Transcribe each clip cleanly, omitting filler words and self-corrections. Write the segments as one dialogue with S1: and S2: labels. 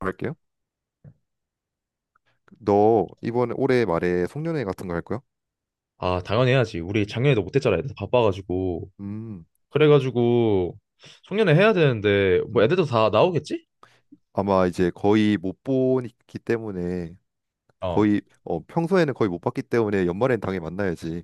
S1: 할게요. 너 이번에 올해 말에 송년회 같은 거 할 거야?
S2: 아, 당연히 해야지. 우리 작년에도 못했잖아. 애들 바빠가지고.
S1: 음,
S2: 그래가지고 송년회 해야 되는데 뭐
S1: 음.
S2: 애들도 다 나오겠지?
S1: 아마 이제 거의 못 보기 때문에
S2: 어.
S1: 거의 평소에는 거의 못 봤기 때문에 연말엔 당연히 만나야지.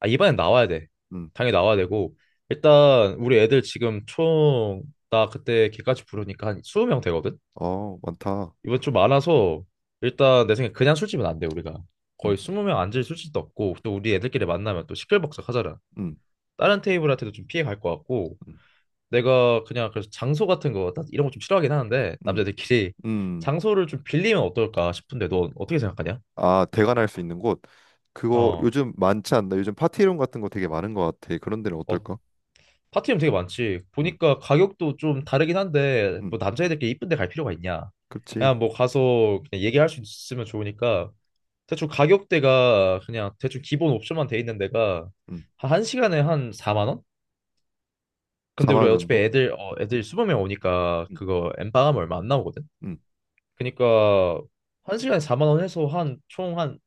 S2: 아, 이번엔 나와야 돼.
S1: 음,
S2: 당연히 나와야 되고 일단 우리 애들 지금 총 나 그때 걔까지 부르니까 한 20명 되거든?
S1: 어, 많다.
S2: 이번 좀 많아서 일단 내 생각에 그냥 술집은 안 돼, 우리가.
S1: 음,
S2: 거의 20명 앉을 술집도 없고 또 우리 애들끼리 만나면 또 시끌벅적하잖아.
S1: 음,
S2: 다른 테이블한테도 좀 피해 갈 것 같고
S1: 음,
S2: 내가 그냥 그래서 장소 같은 거, 나 이런 거 좀 싫어하긴 하는데,
S1: 음,
S2: 남자들끼리
S1: 음.
S2: 장소를 좀 빌리면 어떨까 싶은데, 넌 어떻게 생각하냐?
S1: 아, 대관할 수 있는 곳. 그거
S2: 어,
S1: 요즘 많지 않나? 요즘 파티룸 같은 거 되게 많은 것 같아. 그런 데는
S2: 어,
S1: 어떨까?
S2: 파티룸 되게 많지.
S1: 음,
S2: 보니까 가격도 좀 다르긴 한데, 뭐
S1: 음,
S2: 남자애들끼리 이쁜 데 갈 필요가 있냐?
S1: 그렇지.
S2: 그냥 뭐 가서 그냥 얘기할 수 있으면 좋으니까, 대충 가격대가 그냥 대충 기본 옵션만 돼 있는 데가
S1: 음,
S2: 한시간에한 4만 원? 근데
S1: 4만
S2: 우리
S1: 원
S2: 어차피
S1: 정도?
S2: 애들, 어, 애들 20명 오니까
S1: 음,
S2: 그거 엠빵하면 얼마 안 나오거든?
S1: 음.
S2: 그니까 한 시간에 4만 원 해서 한 총 한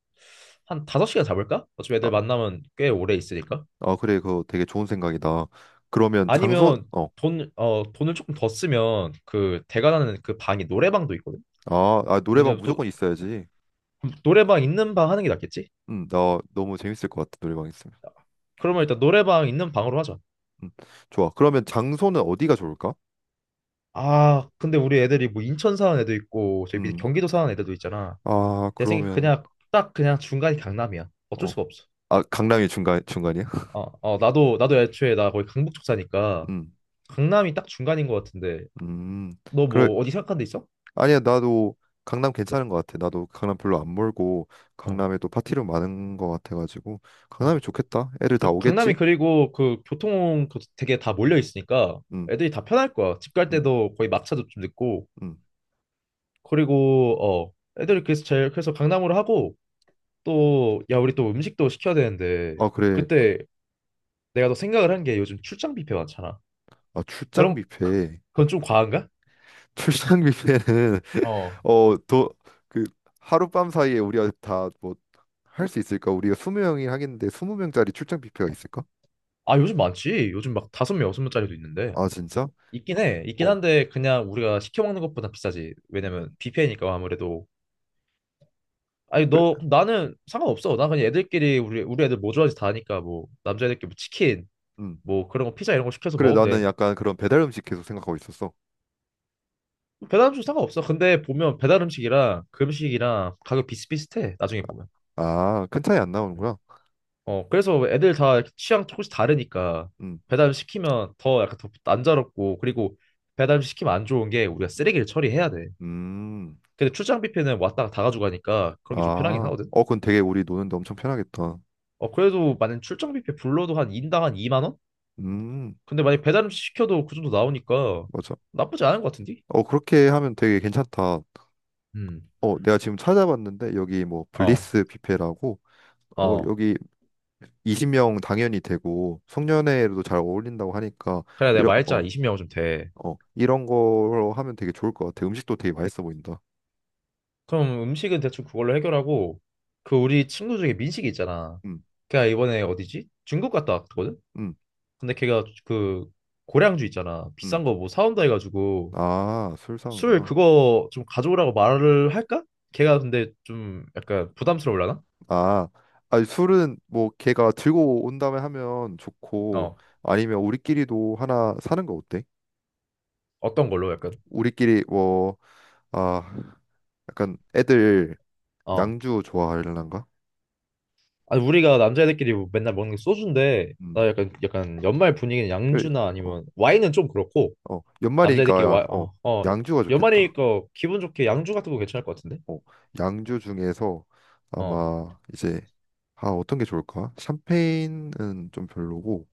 S2: 한 다섯 시간 잡을까? 어차피
S1: 아,
S2: 애들 만나면 꽤 오래 있으니까.
S1: 아, 그래. 그거 되게 좋은 생각이다. 그러면 장소,
S2: 아니면
S1: 어.
S2: 돈 돈을 조금 더 쓰면 그 대관하는 그 방이 노래방도 있거든.
S1: 아, 아, 노래방
S2: 왜냐면 또
S1: 무조건 있어야지.
S2: 노래방 있는 방 하는 게 낫겠지?
S1: 나 너무 재밌을 것 같아, 노래방 있으면.
S2: 그러면 일단 노래방 있는 방으로 하자.
S1: 음, 좋아. 그러면 장소는 어디가 좋을까?
S2: 아, 근데 우리 애들이 뭐 인천 사는 애도 있고 저기 밑에
S1: 음,
S2: 경기도 사는 애들도 있잖아.
S1: 아,
S2: 내 생각에
S1: 그러면,
S2: 그냥 딱 그냥 중간이 강남이야. 어쩔
S1: 어,
S2: 수가 없어.
S1: 아, 강남이 중간, 중간이야?
S2: 어, 어, 나도 애초에 나 거기 강북 쪽 사니까
S1: 음,
S2: 강남이 딱 중간인 것 같은데
S1: 음,
S2: 너
S1: 그래.
S2: 뭐 어디 생각한 데 있어?
S1: 아니야, 나도 강남 괜찮은 것 같아. 나도 강남 별로 안 멀고,
S2: 어,
S1: 강남에도 파티룸 많은 것 같아가지고,
S2: 어.
S1: 강남이 좋겠다. 애들 다
S2: 강남이
S1: 오겠지?
S2: 그리고 그 교통 그 되게 다 몰려 있으니까
S1: 음,
S2: 애들이 다 편할 거야. 집 갈
S1: 음,
S2: 때도 거의 막차도 좀 늦고
S1: 음.
S2: 그리고 애들이 그래서 제일 그래서 강남으로 하고 또 야 우리 또 음식도 시켜야 되는데
S1: 아, 그래.
S2: 그때 내가 또 생각을 한 게 요즘 출장 뷔페 많잖아.
S1: 아, 출장
S2: 그럼 그-
S1: 뷔페.
S2: 그건 좀 과한가?
S1: 출장 뷔페는
S2: 어.
S1: 어도그 하룻밤 사이에 우리가 다 뭐 할 수 있을까? 우리가 스무 명이 하겠는데 20명짜리 출장 뷔페가 있을까?
S2: 아 요즘 많지. 요즘 막 다섯 명 여섯 명짜리도 있는데.
S1: 아 진짜?
S2: 있긴 해. 있긴
S1: 어.
S2: 한데 그냥 우리가 시켜 먹는 것보다 비싸지.
S1: 음.
S2: 왜냐면 뷔페니까 아무래도. 아니
S1: 그래.
S2: 너 나는 상관없어. 난 그냥 애들끼리 우리 애들 뭐 좋아하는지 다 아니까 뭐 남자애들끼리 뭐 치킨
S1: 음.
S2: 뭐 그런 거 피자 이런 거 시켜서
S1: 그래,
S2: 먹으면
S1: 나는
S2: 돼.
S1: 약간 그런 배달 음식 계속 생각하고 있었어.
S2: 배달 음식 상관없어. 근데 보면 배달 음식이랑 그 음식이랑 가격 비슷비슷해. 나중에 보면.
S1: 아, 큰 차이 안 나오는구나.
S2: 어 그래서 애들 다 이렇게 취향 조금씩 다르니까
S1: 음.
S2: 배달 음식 시키면 더 약간 더 난자롭고 그리고 배달 음식 시키면 안 좋은 게 우리가 쓰레기를 처리해야 돼.
S1: 음.
S2: 근데 출장 뷔페는 왔다가 다 가져가니까 그런 게 좀 편하긴
S1: 아.
S2: 하거든.
S1: 어, 그건 되게 우리 노는데 엄청 편하겠다.
S2: 어, 그래도 만약 출장 뷔페 불러도 한 인당 한 2만 원?
S1: 음.
S2: 근데 만약 배달 음식 시켜도 그 정도 나오니까
S1: 맞아.
S2: 나쁘지 않은 것 같은데?
S1: 어, 그렇게 하면 되게 괜찮다.
S2: 음.
S1: 어, 내가 지금 찾아봤는데 여기 뭐
S2: 어.
S1: 블리스 뷔페라고 어,
S2: 어.
S1: 여기 20명 당연히 되고 송년회로도 잘 어울린다고 하니까
S2: 그래 내가
S1: 이런 어,
S2: 말했잖아. 20명은 좀 돼.
S1: 어, 이런 걸로 하면 되게 좋을 것 같아. 음식도 되게 맛있어 보인다.
S2: 그럼 음식은 대충 그걸로 해결하고 그 우리 친구 중에 민식이 있잖아.
S1: 음,
S2: 걔가 이번에 어디지? 중국 갔다 왔거든?
S1: 음,
S2: 근데 걔가 그 고량주 있잖아.
S1: 음.
S2: 비싼 거 뭐 사온다 해가지고
S1: 아, 술
S2: 술
S1: 사는구나.
S2: 그거 좀 가져오라고 말을 할까? 걔가 근데 좀 약간 부담스러울라나?
S1: 아, 아니 술은 뭐 걔가 들고 온 다음에 하면 좋고
S2: 어.
S1: 아니면 우리끼리도 하나 사는 거 어때?
S2: 어떤 걸로 약간?
S1: 우리끼리 뭐 아, 약간 애들
S2: 어.
S1: 양주 좋아하려나?
S2: 아니 우리가 남자애들끼리 맨날 먹는 게 소주인데
S1: 음.
S2: 나 약간 약간 연말 분위기는
S1: 그래.
S2: 양주나
S1: 어,
S2: 아니면 와인은 좀 그렇고
S1: 어.
S2: 남자애들끼리
S1: 연말이니까
S2: 와
S1: 어,
S2: 어, 어
S1: 양주가 좋겠다.
S2: 연말이니까 기분 좋게 양주 같은 거 괜찮을 것 같은데
S1: 어, 양주 중에서
S2: 어
S1: 아마 이제 아 어떤 게 좋을까? 샴페인은 좀 별로고,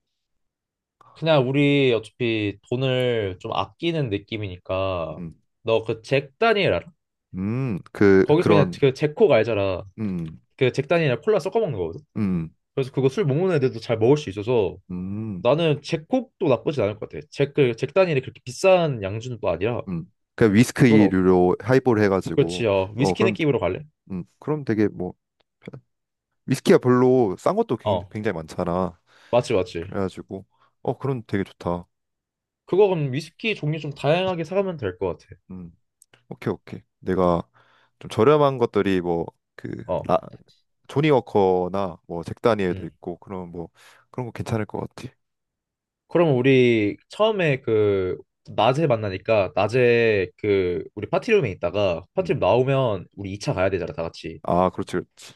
S2: 그냥 우리 어차피 돈을 좀 아끼는 느낌이니까
S1: 음,
S2: 너 그 잭 다니엘 알아?
S1: 그
S2: 거기서 그냥
S1: 그런,
S2: 그 잭콕 알잖아.
S1: 음,
S2: 그 잭 다니엘이랑 콜라 섞어 먹는 거거든.
S1: 음,
S2: 그래서 그거 술 못 먹는 애들도 잘 먹을 수 있어서
S1: 음,
S2: 나는 잭콕도 나쁘진 않을 것 같아. 잭, 그, 잭 다니엘이 그렇게 비싼 양주는 또 아니라
S1: 그냥
S2: 넌 어,
S1: 위스키류로 하이볼 해가지고,
S2: 그렇지, 어.
S1: 어
S2: 위스키
S1: 그럼,
S2: 느낌으로 갈래?
S1: 그럼 되게 뭐 편- 위스키가 별로 싼 것도
S2: 어,
S1: 굉장히 많잖아.
S2: 맞지, 맞지.
S1: 그래가지고, 어 그럼 되게 좋다.
S2: 그거 그럼 위스키 종류 좀 다양하게 사가면 될 것 같아.
S1: 음, 오케이 오케이. 내가 좀 저렴한 것들이 뭐그
S2: 어,
S1: 조니 워커나 뭐 잭 다니엘도
S2: 음.
S1: 있고 그런 뭐 그런 거 괜찮을 것 같아.
S2: 그럼 우리 처음에 그 낮에 만나니까 낮에 그 우리 파티룸에 있다가
S1: 음.
S2: 파티룸 나오면 우리 2차 가야 되잖아, 다 같이.
S1: 아, 그렇지. 그렇지.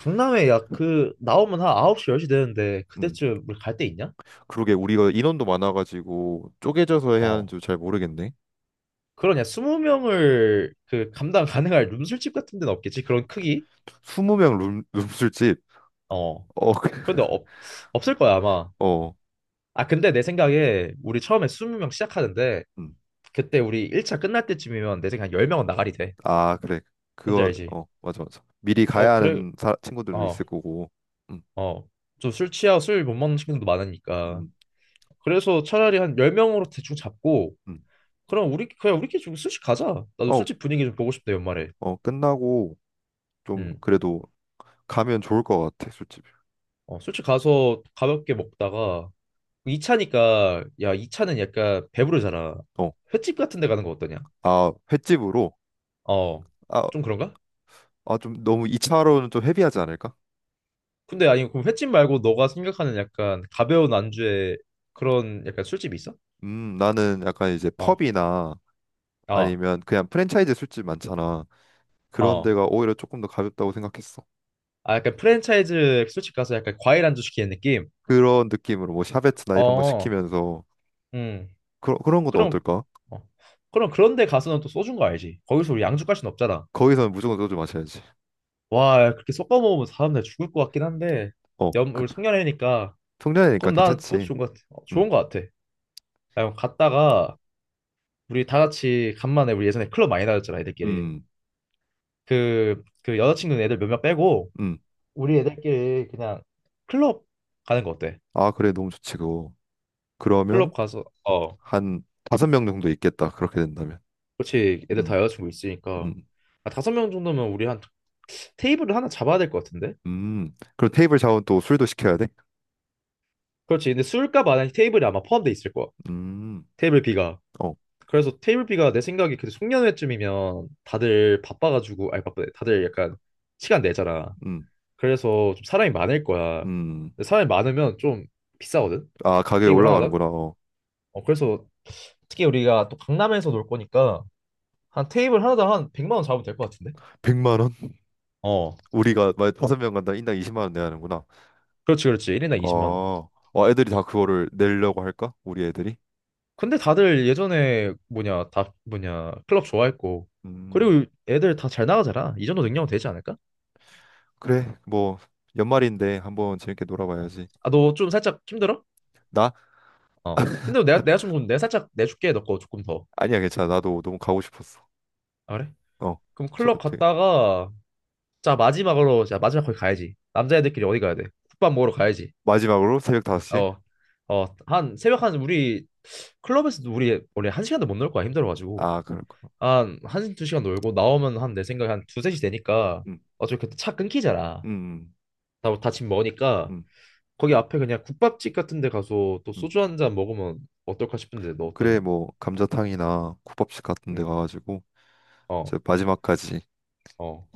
S2: 강남에 야, 그 나오면 한 9시, 10시 되는데
S1: 음.
S2: 그때쯤 우리 갈 데 있냐?
S1: 그러게, 우리가 인원도 많아가지고 쪼개져서 해야
S2: 어.
S1: 하는지 잘 모르겠네.
S2: 그러냐, 20명을 그 감당 가능할 룸 술집 같은 데는 없겠지? 그런 크기?
S1: 20명 룸 룸술집.
S2: 어.
S1: 어,
S2: 그런데 없, 없을 거야, 아마.
S1: 어.
S2: 아, 근데 내 생각에 우리 처음에 20명 시작하는데
S1: 음.
S2: 그때 우리 1차 끝날 때쯤이면 내 생각에 10명은 나가리 돼.
S1: 아, 그래.
S2: 뭔지
S1: 그거
S2: 알지?
S1: 어, 맞아 맞아. 미리
S2: 어,
S1: 가야
S2: 그래.
S1: 하는 친구들도
S2: 어,
S1: 있을 거고. 음.
S2: 어. 좀 술 취하고 술 못 먹는 친구도 많으니까.
S1: 음.
S2: 그래서 차라리 한 10명으로 대충 잡고
S1: 음.
S2: 그럼 우리 그냥 우리끼리 좀 술집 가자. 나도
S1: 어,
S2: 술집 분위기 좀 보고 싶다, 연말에.
S1: 어, 끝나고 좀
S2: 음.
S1: 그래도 가면 좋을 것 같아, 술집.
S2: 어, 술집 가서 가볍게 먹다가 2차니까 야, 2차는 약간 배부르잖아.
S1: 어.
S2: 횟집 같은 데 가는 거 어떠냐?
S1: 아, 횟집으로
S2: 어.
S1: 아,
S2: 좀 그런가?
S1: 아, 좀 너무 2차로는 좀 헤비하지 않을까?
S2: 근데 아니 그럼 횟집 말고 너가 생각하는 약간 가벼운 안주에 그런 약간 술집이 있어?
S1: 나는 약간 이제
S2: 어.
S1: 펍이나
S2: 어.
S1: 아니면 그냥 프랜차이즈 술집 많잖아. 그런
S2: 어.
S1: 데가 오히려 조금 더 가볍다고 생각했어.
S2: 아 약간 프랜차이즈 술집 가서 약간 과일 안주 시키는 느낌?
S1: 그런 느낌으로 뭐 샤베트나 이런 거
S2: 어.
S1: 시키면서
S2: 음.
S1: 그런 것도
S2: 그럼
S1: 어떨까?
S2: 어. 그럼 그런데 가서는 또 소주인 거 알지? 거기서 우리 양주 갈 순 없잖아.
S1: 거기서는 무조건 소주 마셔야지.
S2: 와, 그렇게 섞어 먹으면 사람들 죽을 것 같긴 한데
S1: 어,
S2: 염
S1: 그,
S2: 우리 송년회니까
S1: 송년회니까
S2: 그럼 나 그것도
S1: 괜찮지.
S2: 좋은 것 같아. 어,
S1: 음,
S2: 좋은 것 같아. 야, 그럼 갔다가 우리 다 같이 간만에 우리 예전에 클럽 많이 다녔잖아, 애들끼리.
S1: 음,
S2: 그 그 여자친구는 애들 몇몇 빼고
S1: 음.
S2: 우리 애들끼리 그냥 클럽 가는 거 어때?
S1: 아, 그래, 너무 좋지 그거. 그러면
S2: 클럽 가서 어
S1: 한 다섯 명 정도 있겠다. 그렇게 된다면.
S2: 그렇지 애들 다
S1: 음,
S2: 여자친구 있으니까
S1: 음,
S2: 아, 다섯 명 정도면 우리 한 테이블을 하나 잡아야 될 것 같은데?
S1: 그럼 테이블 자원 또 술도 시켜야 돼?
S2: 그렇지 근데 술값 안에 테이블이 아마 포함돼 있을 거야.
S1: 음,
S2: 테이블 B가
S1: 어,
S2: 그래서 테이블 B가 내 생각에 그 송년회쯤이면 다들 바빠가지고 아니 바쁘네 다들 약간 시간 내잖아.
S1: 음,
S2: 그래서 좀 사람이 많을 거야.
S1: 음.
S2: 근데 사람이 많으면 좀 비싸거든.
S1: 아, 가격이
S2: 테이블 하나당
S1: 올라가는구나. 어.
S2: 어 그래서 특히 우리가 또 강남에서 놀 거니까 한 테이블 하나당 한 100만 원 잡으면 될 것 같은데?
S1: 만 원?
S2: 어,
S1: 우리가 만약 다섯 명 간다 인당 20만 원 내야 하는구나.
S2: 그렇지, 그렇지. 1인당 20만 원.
S1: 어, 어, 애들이 다 그거를 내려고 할까? 우리 애들이?
S2: 근데 다들 예전에 뭐냐, 클럽 좋아했고.
S1: 음,
S2: 그리고 애들 다 잘 나가잖아. 이 정도 능력은 되지 않을까?
S1: 그래. 뭐 연말인데 한번 재밌게
S2: 어.
S1: 놀아봐야지.
S2: 아, 너 좀 살짝 힘들어?
S1: 나?
S2: 어. 힘들면 내가 좀, 그럼 내가 살짝 내줄게. 너 거 조금 더.
S1: 아니야, 괜찮아. 나도 너무 가고 싶었어.
S2: 아, 그래?
S1: 어,
S2: 그럼
S1: 저
S2: 클럽
S1: 되게
S2: 갔다가, 자, 마지막으로, 자, 마지막 거기 가야지. 남자애들끼리 어디 가야 돼? 국밥 먹으러 가야지.
S1: 마지막으로 새벽 5시에?
S2: 어, 어, 한, 새벽 한, 우리, 클럽에서도 우리, 원래 한 시간도 못 놀 거야. 힘들어가지고.
S1: 아, 그렇구나.
S2: 두 시간 놀고 나오면 한 내 생각에 한 두세 시 되니까
S1: 음,
S2: 어차피 그때 차 끊기잖아.
S1: 음,
S2: 다 집 먹으니까
S1: 음,
S2: 거기 앞에 그냥 국밥집 같은 데 가서 또
S1: 음.
S2: 소주 한 잔 먹으면 어떨까 싶은데 너
S1: 그래,
S2: 어떠냐?
S1: 뭐 감자탕이나 국밥집 같은 데
S2: 응.
S1: 가가지고
S2: 어,
S1: 저 마지막까지
S2: 어.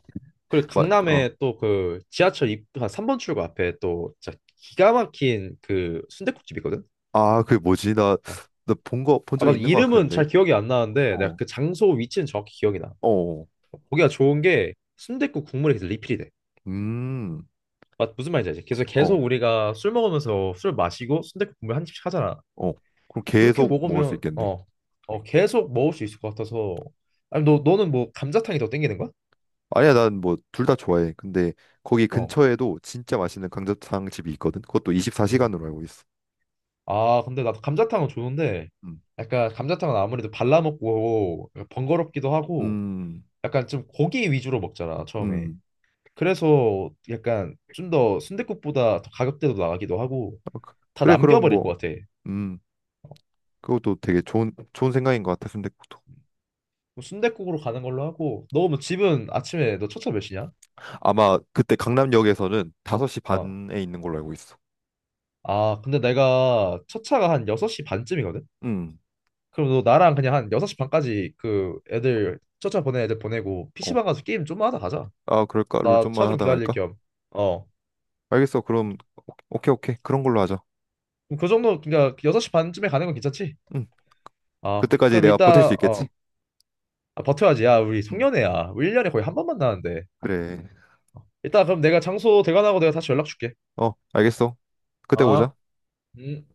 S2: 그리고
S1: 마, 어,
S2: 강남에 또 그 지하철 입, 한 3번 출구 앞에 또 진짜 기가 막힌 그 순댓국집 있거든?
S1: 아, 그게 뭐지? 나,
S2: 어.
S1: 나 본 거, 본
S2: 아,
S1: 적
S2: 나도
S1: 있는 것
S2: 이름은
S1: 같은데.
S2: 잘 기억이 안 나는데 내가
S1: 어,
S2: 그 장소 위치는 정확히 기억이 나.
S1: 어,
S2: 거기가 좋은 게 순댓국 국물이 계속 리필이 돼.
S1: 음.
S2: 맞, 무슨 말인지 알지? 계속 계속
S1: 어,
S2: 우리가 술 먹으면서 술 마시고 순댓국 국물 한 입씩 하잖아.
S1: 어. 그럼
S2: 그렇게
S1: 계속 먹을 수
S2: 먹으면
S1: 있겠네.
S2: 어, 어 계속 먹을 수 있을 것 같아서. 아니 너 너는 뭐 감자탕이 더 땡기는 거야?
S1: 아니야, 난 뭐 둘 다 좋아해. 근데 거기
S2: 어.
S1: 근처에도 진짜 맛있는 감자탕 집이 있거든. 그것도
S2: 음.
S1: 24시간으로 알고 있어.
S2: 아 근데 나도 감자탕은 좋은데
S1: 음,
S2: 약간 감자탕은 아무래도 발라 먹고 번거롭기도 하고
S1: 음,
S2: 약간 좀 고기 위주로 먹잖아 처음에.
S1: 음.
S2: 그래서 약간 좀 더 순댓국보다 더 가격대도 나가기도 하고
S1: 어, 그-
S2: 다
S1: 그래, 그럼
S2: 남겨버릴 것
S1: 뭐,
S2: 같아.
S1: 음, 그것도 되게 좋은 생각인 것 같아. 순댓국도.
S2: 순댓국으로 가는 걸로 하고 너 뭐 집은 아침에 너 첫차 몇 시냐?
S1: 아마 그때 강남역에서는 5시
S2: 어.
S1: 반에 있는 걸로 알고 있어.
S2: 아, 근데 내가 첫 차가 한 여섯시 반쯤이거든?
S1: 음,
S2: 그럼 너 나랑 그냥 한 여섯시 반까지 그 애들, 첫차 보낸 애들 보내고
S1: 어.
S2: PC방 가서 게임 좀만 하다 가자.
S1: 아, 그럴까? 롤
S2: 나 차
S1: 좀만
S2: 좀
S1: 하다
S2: 기다릴
S1: 갈까?
S2: 겸. 어.
S1: 알겠어. 그럼 오케이, 오케이. 그런 걸로 하자.
S2: 그럼 그 정도, 그러니까 그 여섯 시 반쯤에 가는 건 괜찮지?
S1: 음,
S2: 아, 그-
S1: 그때까지
S2: 그럼
S1: 내가 버틸 수
S2: 일단,
S1: 있겠지?
S2: 어. 아, 버텨야지. 야, 우리
S1: 음,
S2: 송년회야. 우리 1년에 거의 한 번 만나는데.
S1: 그래.
S2: 일단 그럼 내가 장소 대관하고 내가 다시 연락 줄게.
S1: 어, 알겠어. 그때
S2: 아,
S1: 보자.
S2: 음.